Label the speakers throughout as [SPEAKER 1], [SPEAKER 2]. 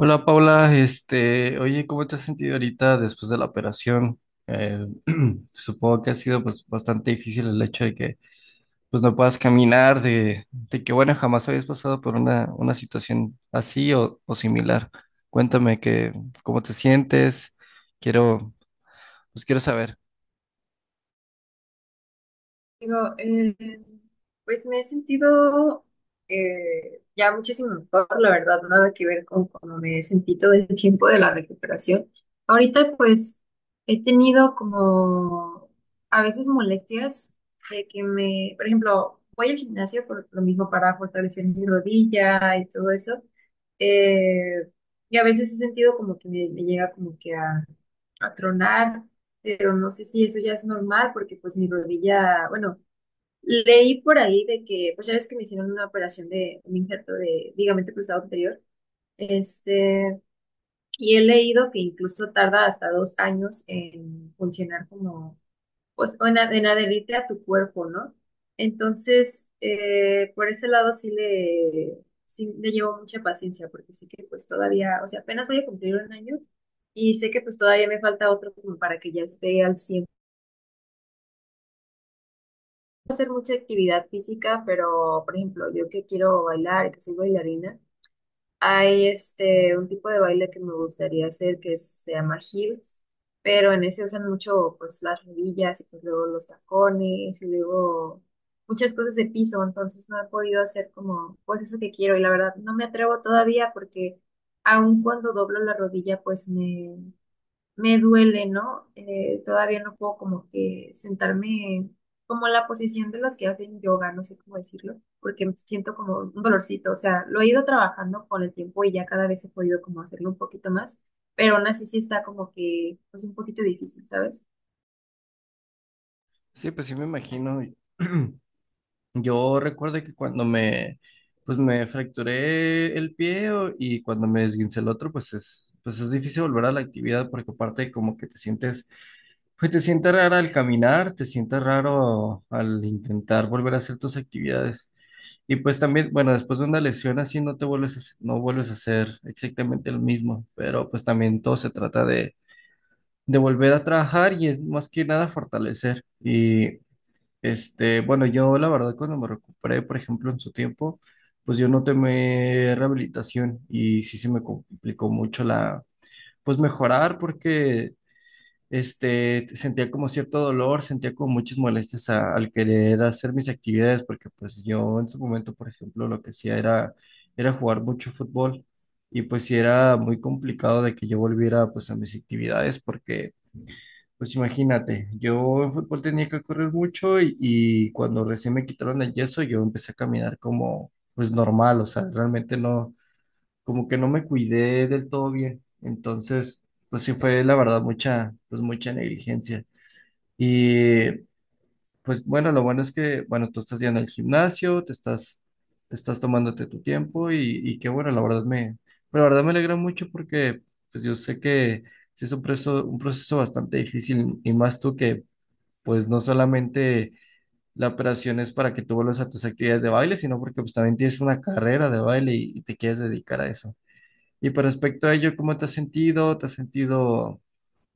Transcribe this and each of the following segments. [SPEAKER 1] Hola Paula, oye, ¿cómo te has sentido ahorita después de la operación? Eh, supongo que ha sido pues bastante difícil el hecho de que pues no puedas caminar, de que bueno, jamás habías pasado por una situación así o similar. Cuéntame que, cómo te sientes, quiero, pues quiero saber.
[SPEAKER 2] Digo, pues me he sentido ya muchísimo mejor, la verdad, nada que ver con cómo me he sentido desde el tiempo de la recuperación. Ahorita pues he tenido como a veces molestias de que me, por ejemplo, voy al gimnasio por lo mismo para fortalecer mi rodilla y todo eso. eh, y a veces he sentido como que me llega como que a tronar, pero no sé si eso ya es normal porque pues mi rodilla, bueno, leí por ahí de que, pues ya ves que me hicieron una operación de un injerto de ligamento cruzado anterior, este, y he leído que incluso tarda hasta 2 años en funcionar como, pues, o en, en adherirte a tu cuerpo, ¿no? Entonces, por ese lado sí le llevo mucha paciencia porque sé que pues todavía, o sea, apenas voy a cumplir 1 año. Y sé que pues todavía me falta otro como para que ya esté al cien, hacer mucha actividad física, pero por ejemplo, yo que quiero bailar, que soy bailarina, hay este un tipo de baile que me gustaría hacer que se llama heels, pero en ese usan mucho pues las rodillas y pues luego los tacones y luego muchas cosas de piso, entonces no he podido hacer como pues eso que quiero, y la verdad no me atrevo todavía porque aun cuando doblo la rodilla pues me duele, ¿no? Todavía no puedo como que sentarme como en la posición de las que hacen yoga, no sé cómo decirlo, porque siento como un dolorcito, o sea, lo he ido trabajando con el tiempo y ya cada vez he podido como hacerlo un poquito más, pero aún así sí está como que pues un poquito difícil, ¿sabes?
[SPEAKER 1] Sí, pues sí me imagino. Yo recuerdo que cuando me, pues me fracturé el pie y cuando me esguincé el otro, pues es difícil volver a la actividad porque aparte como que pues te sientes raro al caminar, te sientes raro al intentar volver a hacer tus actividades. Y pues también, bueno, después de una lesión así no te vuelves a, hacer- no vuelves a hacer exactamente lo mismo, pero pues también todo se trata de volver a trabajar y es más que nada fortalecer. Y bueno, yo la verdad cuando me recuperé, por ejemplo, en su tiempo, pues yo no tomé rehabilitación y sí se me complicó mucho pues mejorar porque, sentía como cierto dolor, sentía como muchas molestias al querer hacer mis actividades porque pues yo en su momento, por ejemplo, lo que hacía era, era jugar mucho fútbol y pues sí era muy complicado de que yo volviera pues a mis actividades porque pues imagínate, yo en fútbol tenía que correr mucho y cuando recién me quitaron el yeso yo empecé a caminar como pues normal, o sea, realmente no, como que no me cuidé del todo bien. Entonces, pues sí fue la verdad pues mucha negligencia. Y pues bueno, lo bueno es que, bueno, tú estás yendo al gimnasio, te estás tomándote tu tiempo y qué bueno, la verdad me alegra mucho porque pues yo sé que sí es un proceso bastante difícil y más tú que pues no solamente la operación es para que tú vuelvas a tus actividades de baile, sino porque pues también tienes una carrera de baile y te quieres dedicar a eso. Y por respecto a ello, ¿cómo te has sentido? ¿Te has sentido,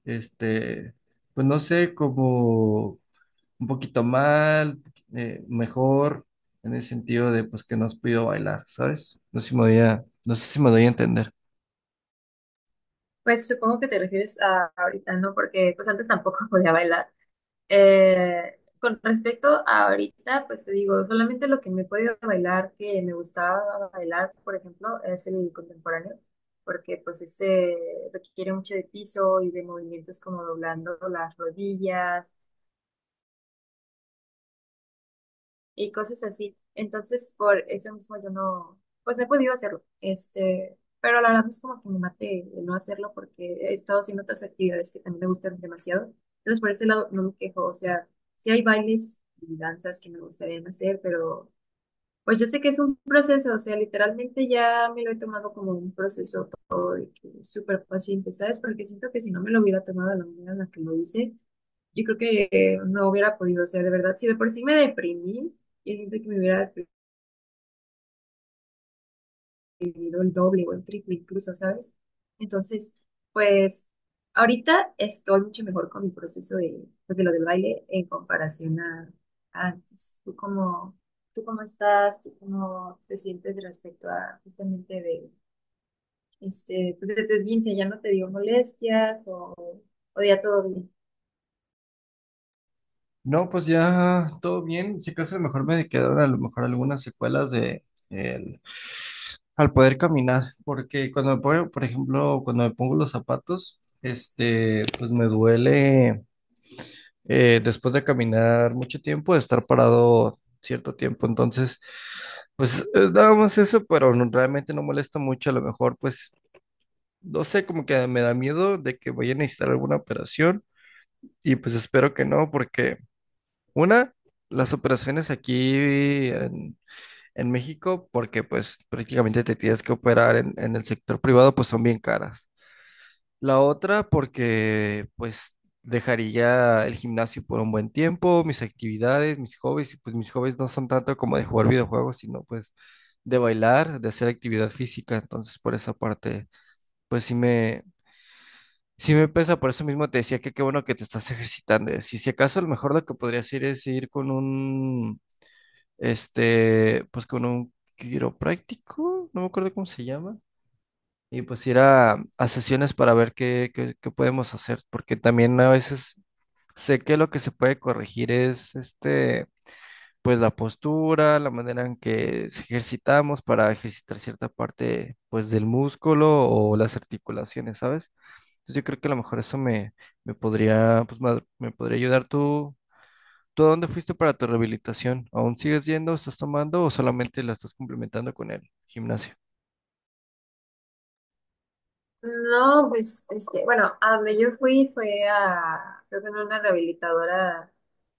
[SPEAKER 1] este, pues no sé, como un poquito mal, mejor, en el sentido de pues que no has podido bailar, ¿sabes? No sé si no sé si me doy a entender.
[SPEAKER 2] Pues supongo que te refieres a ahorita, ¿no? Porque pues antes tampoco podía bailar. Con respecto a ahorita, pues te digo, solamente lo que me he podido bailar, que me gustaba bailar, por ejemplo, es el contemporáneo, porque pues ese requiere mucho de piso y de movimientos como doblando las rodillas, y cosas así. Entonces, por eso mismo yo no, pues no he podido hacerlo. Pero la verdad no es como que me mate el no hacerlo porque he estado haciendo otras actividades que también me gustan demasiado. Entonces, por ese lado no me quejo. O sea, sí hay bailes y danzas que me gustaría hacer, pero pues yo sé que es un proceso. O sea, literalmente ya me lo he tomado como un proceso porque súper paciente, ¿sabes? Porque siento que si no me lo hubiera tomado de la manera en la que lo hice, yo creo que no hubiera podido, o sea, de verdad, si de por sí me deprimí, yo siento que me hubiera deprimido el doble o el triple incluso, ¿sabes? Entonces, pues ahorita estoy mucho mejor con mi proceso de, pues, de lo del baile en comparación a antes. Tú cómo estás? ¿Tú cómo te sientes respecto a justamente de, pues de tu esguince? ¿Ya no te dio molestias o ya todo bien?
[SPEAKER 1] No, pues ya todo bien. Si acaso a lo mejor me quedaron a lo mejor algunas secuelas de el, al poder caminar, porque cuando me pongo, por ejemplo, cuando me pongo los zapatos, pues me duele después de caminar mucho tiempo, de estar parado cierto tiempo. Entonces, pues es nada más eso, pero realmente no molesta mucho. A lo mejor, pues, no sé, como que me da miedo de que vaya a necesitar alguna operación y pues espero que no, porque una, las operaciones aquí en, en México, porque pues prácticamente te tienes que operar en el sector privado, pues son bien caras. La otra, porque pues dejaría el gimnasio por un buen tiempo, mis actividades, mis hobbies, y pues mis hobbies no son tanto como de jugar videojuegos, sino pues de bailar, de hacer actividad física. Entonces, por esa parte, pues sí me, sí me pesa, por eso mismo te decía que qué bueno que te estás ejercitando. Si acaso, a lo mejor lo que podrías ir es ir con un pues con un quiropráctico, no me acuerdo cómo se llama, y pues ir a sesiones para ver qué podemos hacer, porque también a veces sé que lo que se puede corregir es, pues la postura, la manera en que se ejercitamos para ejercitar cierta parte, pues del músculo o las articulaciones, ¿sabes? Entonces yo creo que a lo mejor me podría, pues, me podría ayudar. ¿Tú a dónde fuiste para tu rehabilitación? ¿Aún sigues yendo, estás tomando o solamente la estás complementando con el gimnasio?
[SPEAKER 2] No, pues, bueno, a donde yo fui fue a, creo que era una rehabilitadora,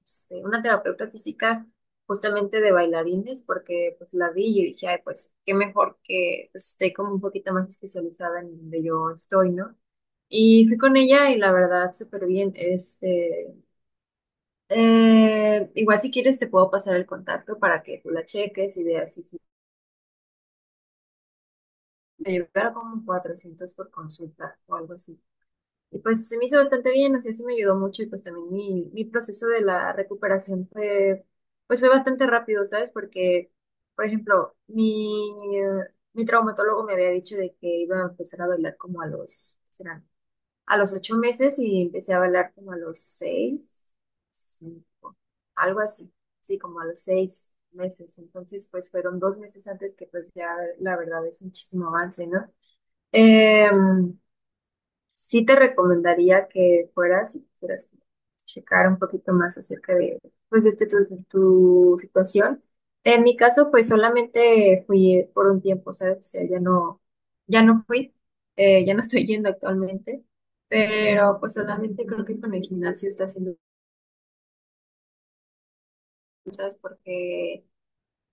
[SPEAKER 2] una terapeuta física justamente de bailarines, porque pues la vi y yo dije, ay, pues qué mejor que pues, esté como un poquito más especializada en donde yo estoy, ¿no? Y fui con ella y la verdad, súper bien, igual si quieres te puedo pasar el contacto para que tú la cheques y veas si, si te llevara como 400 por consulta o algo así. Y pues se me hizo bastante bien, así sí me ayudó mucho y pues también mi proceso de la recuperación fue, pues fue bastante rápido, ¿sabes? Porque, por ejemplo, mi traumatólogo me había dicho de que iba a empezar a bailar como a los, ¿qué serán? A los 8 meses, y empecé a bailar como a los seis, cinco, algo así, sí, como a los 6 meses. Entonces, pues fueron 2 meses antes, que pues ya la verdad es muchísimo avance, ¿no? Em, sí te recomendaría que fueras y quisieras checar un poquito más acerca de, pues, de tu, tu situación. En mi caso, pues solamente fui por un tiempo, ¿sabes? O sea, ya no, ya no fui, ya no estoy yendo actualmente, pero pues solamente creo que con el gimnasio está haciendo cosas porque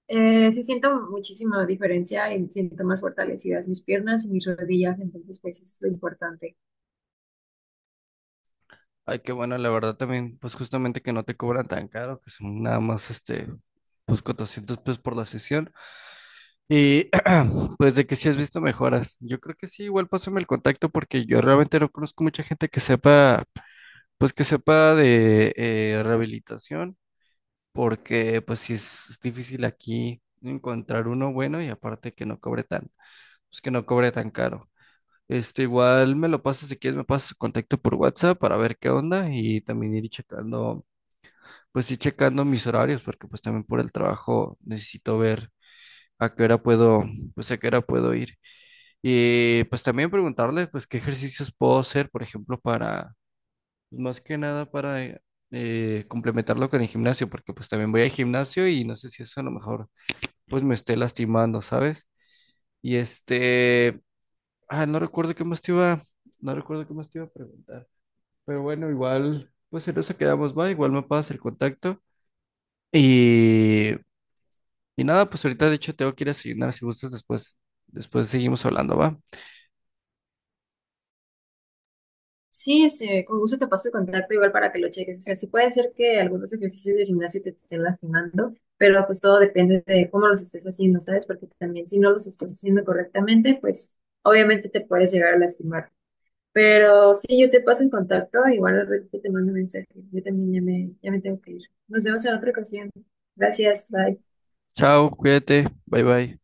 [SPEAKER 2] sí siento muchísima diferencia y siento más fortalecidas mis piernas y mis rodillas, entonces pues eso es lo importante.
[SPEAKER 1] Ay, qué bueno, la verdad también, pues justamente que no te cobran tan caro, que son nada más pues 400 pesos por la sesión. Y pues de que si has visto mejoras. Yo creo que sí, igual pásame el contacto porque yo realmente no conozco mucha gente pues que sepa de rehabilitación, porque pues sí es difícil aquí encontrar uno bueno y aparte que no cobre tan, pues que no cobre tan caro. Igual me lo pasas si quieres, me pasas su contacto por WhatsApp para ver qué onda y también ir checando, pues ir checando mis horarios, porque pues también por el trabajo necesito ver a qué hora puedo, pues a qué hora puedo ir. Y pues también preguntarle, pues qué ejercicios puedo hacer, por ejemplo, pues, más que nada para complementarlo con el gimnasio, porque pues también voy al gimnasio y no sé si eso a lo mejor pues me esté lastimando, ¿sabes? Y ah, no recuerdo qué más te iba, no recuerdo qué más te iba a preguntar. Pero bueno, igual, pues en eso quedamos, va. Igual me pasas el contacto. Y, y nada, pues ahorita de hecho tengo que ir a desayunar. Si gustas, después, después seguimos hablando, va.
[SPEAKER 2] Sí, con gusto te paso el contacto igual para que lo cheques. O sea, sí puede ser que algunos ejercicios de gimnasio te estén lastimando, pero pues todo depende de cómo los estés haciendo, ¿sabes? Porque también si no los estás haciendo correctamente, pues obviamente te puedes llegar a lastimar. Pero sí, yo te paso el contacto, igual al ratito te mando un mensaje. Yo también ya me tengo que ir. Nos vemos en otra ocasión. Gracias, bye.
[SPEAKER 1] Chao, cuídate. Bye bye.